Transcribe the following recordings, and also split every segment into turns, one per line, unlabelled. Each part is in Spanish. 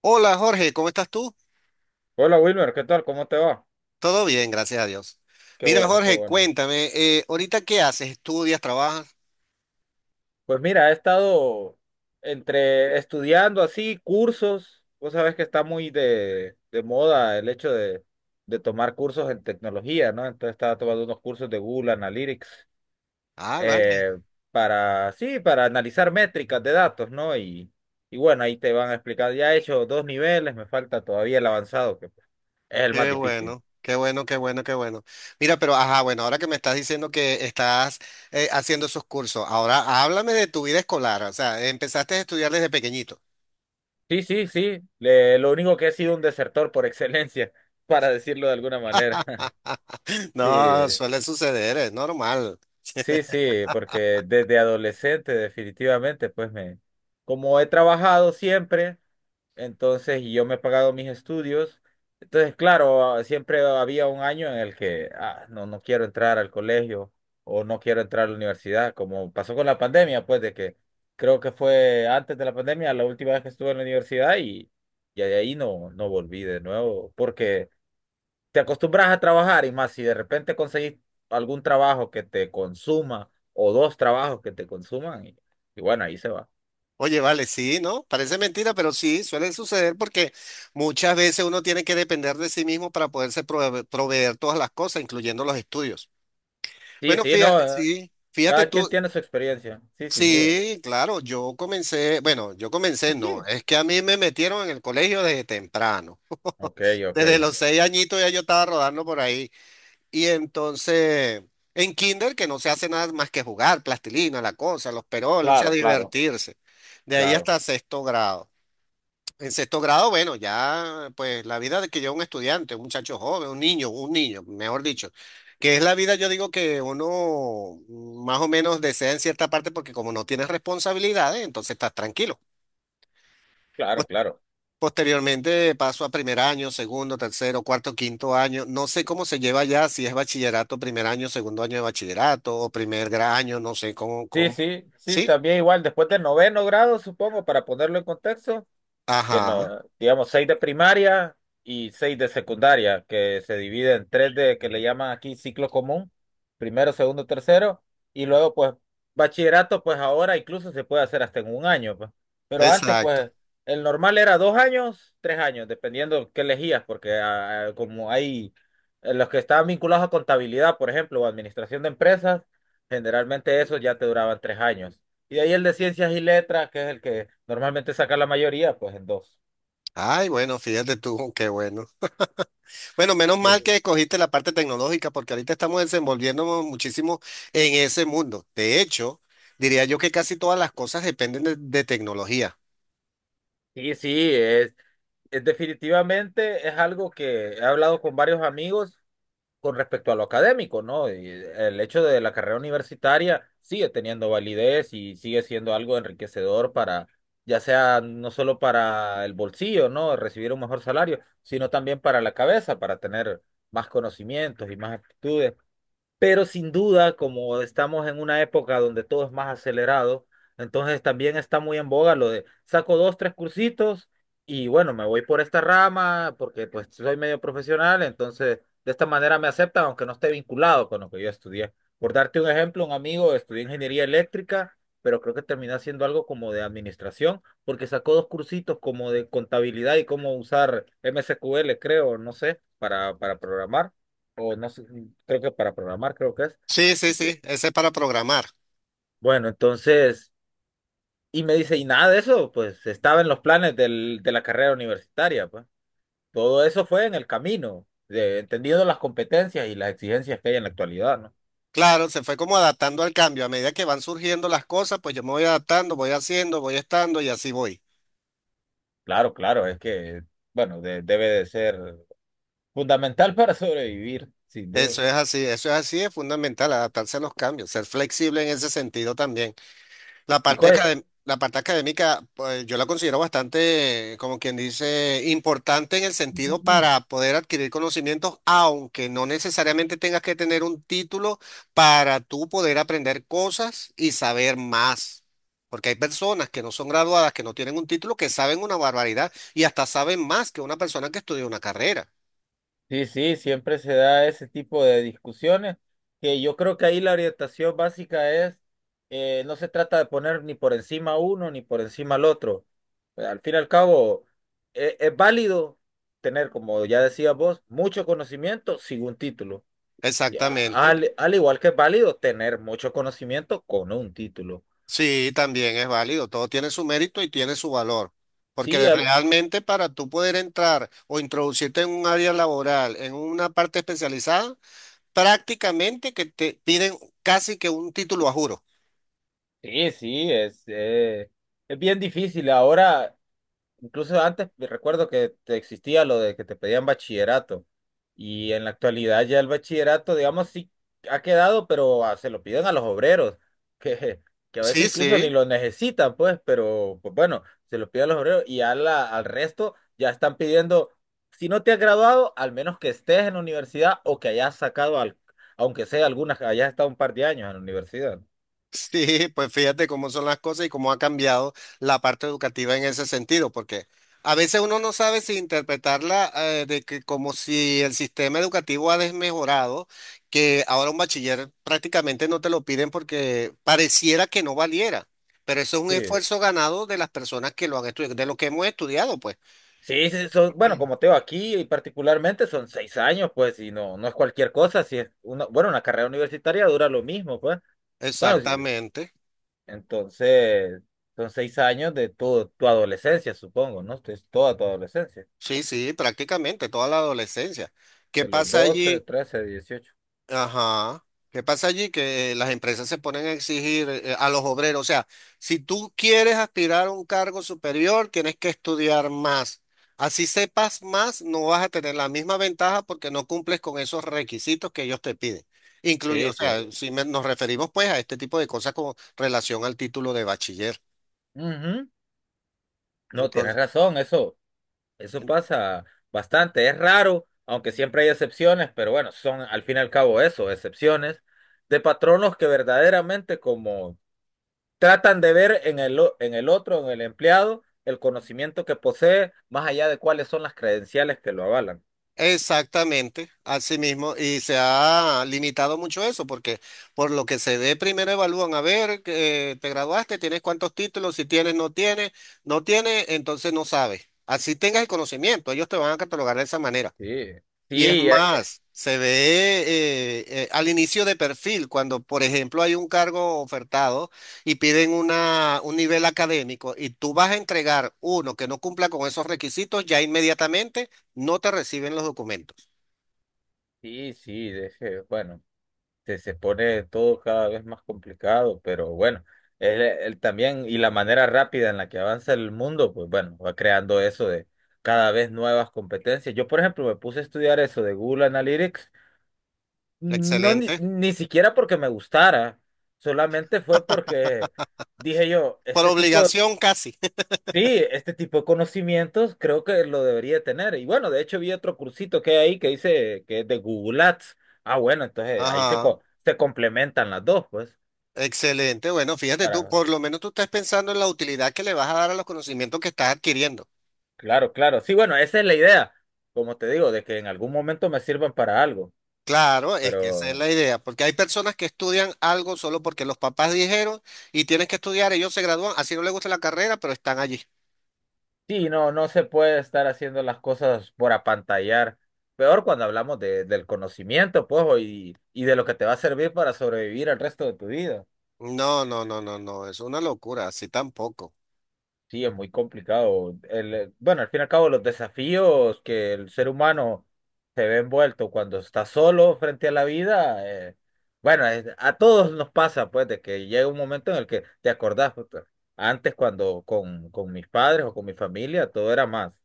Hola Jorge, ¿cómo estás tú?
Hola Wilmer, ¿qué tal? ¿Cómo te va?
Todo bien, gracias a Dios.
Qué
Mira
bueno, qué
Jorge,
bueno.
cuéntame, ¿ahorita qué haces? ¿Estudias, trabajas?
Pues mira, he estado entre estudiando así cursos. Vos sabés que está muy de moda el hecho de tomar cursos en tecnología, ¿no? Entonces estaba tomando unos cursos de Google Analytics
Ah, vale,
eh, para, sí, para analizar métricas de datos, ¿no? Y bueno, ahí te van a explicar. Ya he hecho dos niveles, me falta todavía el avanzado, que es el más
qué
difícil.
bueno, qué bueno, qué bueno, qué bueno. Mira, pero ajá, bueno, ahora que me estás diciendo que estás haciendo esos cursos, ahora háblame de tu vida escolar, o sea, empezaste a estudiar desde pequeñito.
Sí, sí, sí. Lo único que he sido un desertor por excelencia, para decirlo de alguna manera. Sí,
No, suele suceder, es normal.
sí, sí, porque desde adolescente definitivamente, pues me, como he trabajado siempre. Entonces, y yo me he pagado mis estudios. Entonces, claro, siempre había un año en el que no, no quiero entrar al colegio o no quiero entrar a la universidad, como pasó con la pandemia, pues de que creo que fue antes de la pandemia la última vez que estuve en la universidad y de ahí no, no volví de nuevo, porque te acostumbras a trabajar y más si de repente conseguís algún trabajo que te consuma o dos trabajos que te consuman y bueno, ahí se va.
Oye, vale, sí, ¿no? Parece mentira, pero sí, suele suceder porque muchas veces uno tiene que depender de sí mismo para poderse proveer todas las cosas, incluyendo los estudios.
Sí,
Bueno,
sí, no.
fíjate, sí, fíjate
Cada quien
tú,
tiene su experiencia. Sí, sin duda.
sí, claro, yo comencé, bueno, yo
Sí,
comencé, no,
sí.
es que a mí me metieron en el colegio desde temprano.
Ok, ok.
Desde los seis añitos ya yo estaba rodando por ahí. Y entonces, en kinder, que no se hace nada más que jugar, plastilina, la cosa, los peroles, o sea,
Claro, claro.
divertirse. De ahí
Claro,
hasta sexto grado. En sexto grado, bueno, ya pues la vida de que lleva un estudiante, un muchacho joven, un niño, mejor dicho, que es la vida, yo digo que uno más o menos desea en cierta parte porque como no tienes responsabilidades, entonces estás tranquilo. Pos-
claro, claro.
Posteriormente paso a primer año, segundo, tercero, cuarto, quinto año. No sé cómo se lleva ya, si es bachillerato, primer año, segundo año de bachillerato o primer año, no sé cómo,
Sí,
cómo.
sí, sí,
¿Sí?
también igual, después del noveno grado, supongo, para ponerlo en contexto, que
Ajá,
no, digamos, seis de primaria y seis de secundaria, que se divide en tres de, que le llaman aquí ciclo común, primero, segundo, tercero, y luego pues bachillerato, pues ahora incluso se puede hacer hasta en un año, pues. Pero antes
exacto.
pues el normal era 2 años, 3 años, dependiendo qué elegías, porque como hay los que estaban vinculados a contabilidad, por ejemplo, o administración de empresas, generalmente esos ya te duraban 3 años. Y de ahí el de ciencias y letras, que es el que normalmente saca la mayoría, pues en dos.
Ay, bueno, fíjate tú, qué bueno. Bueno, menos mal
Sí,
que escogiste la parte tecnológica porque ahorita estamos desenvolviéndonos muchísimo en ese mundo. De hecho, diría yo que casi todas las cosas dependen de tecnología.
sí, sí, es definitivamente es algo que he hablado con varios amigos con respecto a lo académico, ¿no? Y el hecho de la carrera universitaria sigue teniendo validez y sigue siendo algo enriquecedor para, ya sea no solo para el bolsillo, ¿no? Recibir un mejor salario, sino también para la cabeza, para tener más conocimientos y más aptitudes. Pero sin duda, como estamos en una época donde todo es más acelerado, entonces también está muy en boga lo de saco dos, tres cursitos y bueno, me voy por esta rama porque pues soy medio profesional, entonces de esta manera me aceptan aunque no esté vinculado con lo que yo estudié. Por darte un ejemplo, un amigo estudió ingeniería eléctrica, pero creo que terminó haciendo algo como de administración porque sacó dos cursitos como de contabilidad y cómo usar MSQL, creo, no sé, para programar o no sé, creo que para programar, creo que es.
Sí, sí,
Ent-
sí, ese es para programar.
Bueno, entonces, y me dice, y nada de eso, pues estaba en los planes del, de la carrera universitaria, pues. Todo eso fue en el camino, de, entendiendo las competencias y las exigencias que hay en la actualidad, ¿no?
Claro, se fue como adaptando al cambio. A medida que van surgiendo las cosas, pues yo me voy adaptando, voy haciendo, voy estando y así voy.
Claro, claro, es que, bueno, debe de ser fundamental para sobrevivir, sin duda.
Eso es así, es fundamental, adaptarse a los cambios, ser flexible en ese sentido también.
¿Y cuál
La parte académica, pues, yo la considero bastante, como quien dice, importante en el sentido
es?
para poder adquirir conocimientos, aunque no necesariamente tengas que tener un título para tú poder aprender cosas y saber más. Porque hay personas que no son graduadas, que no tienen un título, que saben una barbaridad y hasta saben más que una persona que estudió una carrera.
Sí, sí, siempre se da ese tipo de discusiones, que yo creo que ahí la orientación básica es, no se trata de poner ni por encima a uno ni por encima al otro. Al fin y al cabo, es válido tener, como ya decías vos, mucho conocimiento sin un título. Y a-
Exactamente.
al igual que es válido tener mucho conocimiento con un título.
Sí, también es válido, todo tiene su mérito y tiene su valor,
Sí,
porque realmente para tú poder entrar o introducirte en un área laboral, en una parte especializada, prácticamente que te piden casi que un título a juro.
sí, sí, es bien difícil. Ahora, incluso antes me recuerdo que existía lo de que te pedían bachillerato y en la actualidad ya el bachillerato, digamos, sí ha quedado, pero se lo piden a los obreros, que, que a veces
Sí,
incluso ni
sí.
lo necesitan, pues, pero pues bueno, se lo piden a los obreros y al resto ya están pidiendo, si no te has graduado, al menos que estés en la universidad o que hayas sacado, aunque sea algunas, hayas estado un par de años en la universidad.
Sí, pues fíjate cómo son las cosas y cómo ha cambiado la parte educativa en ese sentido, porque a veces uno no sabe si interpretarla de que como si el sistema educativo ha desmejorado, que ahora un bachiller prácticamente no te lo piden porque pareciera que no valiera, pero eso es un
Sí.
esfuerzo ganado de las personas que lo han estudiado, de lo que hemos estudiado, pues.
Sí, sí, son, bueno, como te digo, aquí y particularmente son 6 años, pues, y no, no es cualquier cosa, si es una, bueno, una carrera universitaria dura lo mismo, pues. Bueno,
Exactamente.
entonces son 6 años de tu adolescencia, supongo, ¿no? Es toda tu adolescencia,
Sí, sí, prácticamente toda la adolescencia. ¿Qué
de los
pasa
doce
allí?
trece dieciocho
Ajá. ¿Qué pasa allí? Que las empresas se ponen a exigir a los obreros. O sea, si tú quieres aspirar a un cargo superior, tienes que estudiar más. Así sepas más, no vas a tener la misma ventaja porque no cumples con esos requisitos que ellos te piden. Incluye, o
Sí, sí.
sea, si nos referimos pues a este tipo de cosas con relación al título de bachiller.
Ujú. No, tienes
Entonces,
razón, eso pasa bastante, es raro, aunque siempre hay excepciones, pero bueno, son al fin y al cabo eso, excepciones de patronos que verdaderamente como tratan de ver en el otro, en el empleado, el conocimiento que posee, más allá de cuáles son las credenciales que lo avalan.
exactamente, así mismo, y se ha limitado mucho eso, porque por lo que se ve, primero evalúan a ver, que te graduaste, tienes cuántos títulos, si tienes, no tienes, no tienes, entonces no sabes. Así tengas el conocimiento, ellos te van a catalogar de esa manera.
Sí,
Y es
sí,
más, se ve al inicio de perfil, cuando, por ejemplo, hay un cargo ofertado y piden una, un nivel académico y tú vas a entregar uno que no cumpla con esos requisitos, ya inmediatamente no te reciben los documentos.
sí, sí, bueno, se pone todo cada vez más complicado, pero bueno, él también, y la manera rápida en la que avanza el mundo, pues bueno, va creando eso de cada vez nuevas competencias. Yo, por ejemplo, me puse a estudiar eso de Google Analytics. No, ni,
Excelente.
ni siquiera porque me gustara, solamente fue porque dije yo,
Por
este tipo, de,
obligación casi.
sí, este tipo de conocimientos creo que lo debería tener. Y bueno, de hecho vi otro cursito que hay ahí que dice que es de Google Ads. Ah, bueno, entonces ahí se,
Ajá.
co- se complementan las dos, pues,
Excelente. Bueno, fíjate tú,
para,
por lo menos tú estás pensando en la utilidad que le vas a dar a los conocimientos que estás adquiriendo.
claro, claro. Sí, bueno, esa es la idea, como te digo, de que en algún momento me sirvan para algo,
Claro, es que esa es
pero.
la idea, porque hay personas que estudian algo solo porque los papás dijeron y tienes que estudiar, ellos se gradúan, así no les gusta la carrera, pero están allí.
Sí, no, no se puede estar haciendo las cosas por apantallar. Peor cuando hablamos del conocimiento, pues, o y de lo que te va a servir para sobrevivir el resto de tu vida.
No, no, no, no, no, es una locura, así tampoco.
Sí, es muy complicado. Bueno, al fin y al cabo, los desafíos que el ser humano se ve envuelto cuando está solo frente a la vida, bueno, a todos nos pasa, pues, de que llega un momento en el que te acordás, puta, antes cuando con mis padres o con mi familia, todo era más.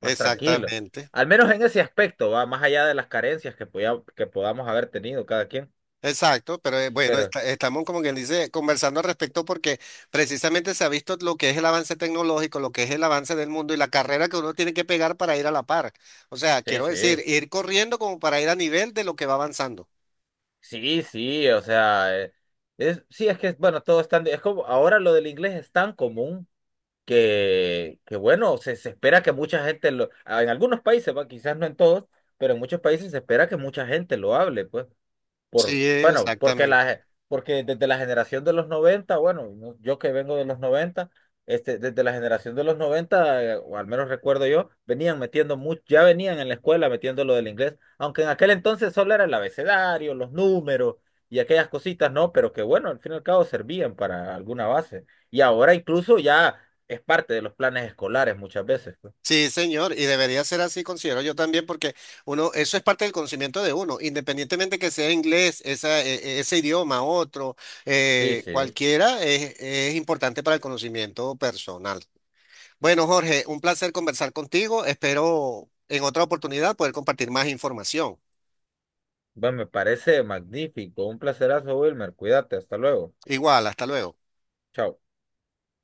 más tranquilo.
Exactamente.
Al menos en ese aspecto, va más allá de las carencias que podía que podamos haber tenido cada quien.
Exacto, pero bueno,
Pero
estamos como quien dice conversando al respecto porque precisamente se ha visto lo que es el avance tecnológico, lo que es el avance del mundo y la carrera que uno tiene que pegar para ir a la par. O sea,
sí,
quiero
sí,
decir, ir corriendo como para ir a nivel de lo que va avanzando.
sí, sí, o sea, es, sí, es que, bueno, todo es tan, es como, ahora lo del inglés es tan común que bueno, se espera que mucha gente lo, en algunos países, va, quizás no en todos, pero en muchos países se espera que mucha gente lo hable, pues. por,
Sí,
bueno, porque
exactamente.
la, porque desde la generación de los 90, bueno, yo que vengo de los 90, este, desde la generación de los noventa, o al menos recuerdo yo, venían metiendo mucho, ya venían en la escuela metiendo lo del inglés, aunque en aquel entonces solo era el abecedario, los números y aquellas cositas, ¿no? Pero que bueno, al fin y al cabo servían para alguna base. Y ahora incluso ya es parte de los planes escolares muchas veces, pues.
Sí, señor, y debería ser así, considero yo también, porque uno, eso es parte del conocimiento de uno, independientemente que sea inglés, esa, ese idioma, otro,
Sí, sí.
cualquiera, es importante para el conocimiento personal. Bueno, Jorge, un placer conversar contigo. Espero en otra oportunidad poder compartir más información.
Bueno, me parece magnífico. Un placerazo, Wilmer. Cuídate, hasta luego.
Igual, hasta luego.
Chao.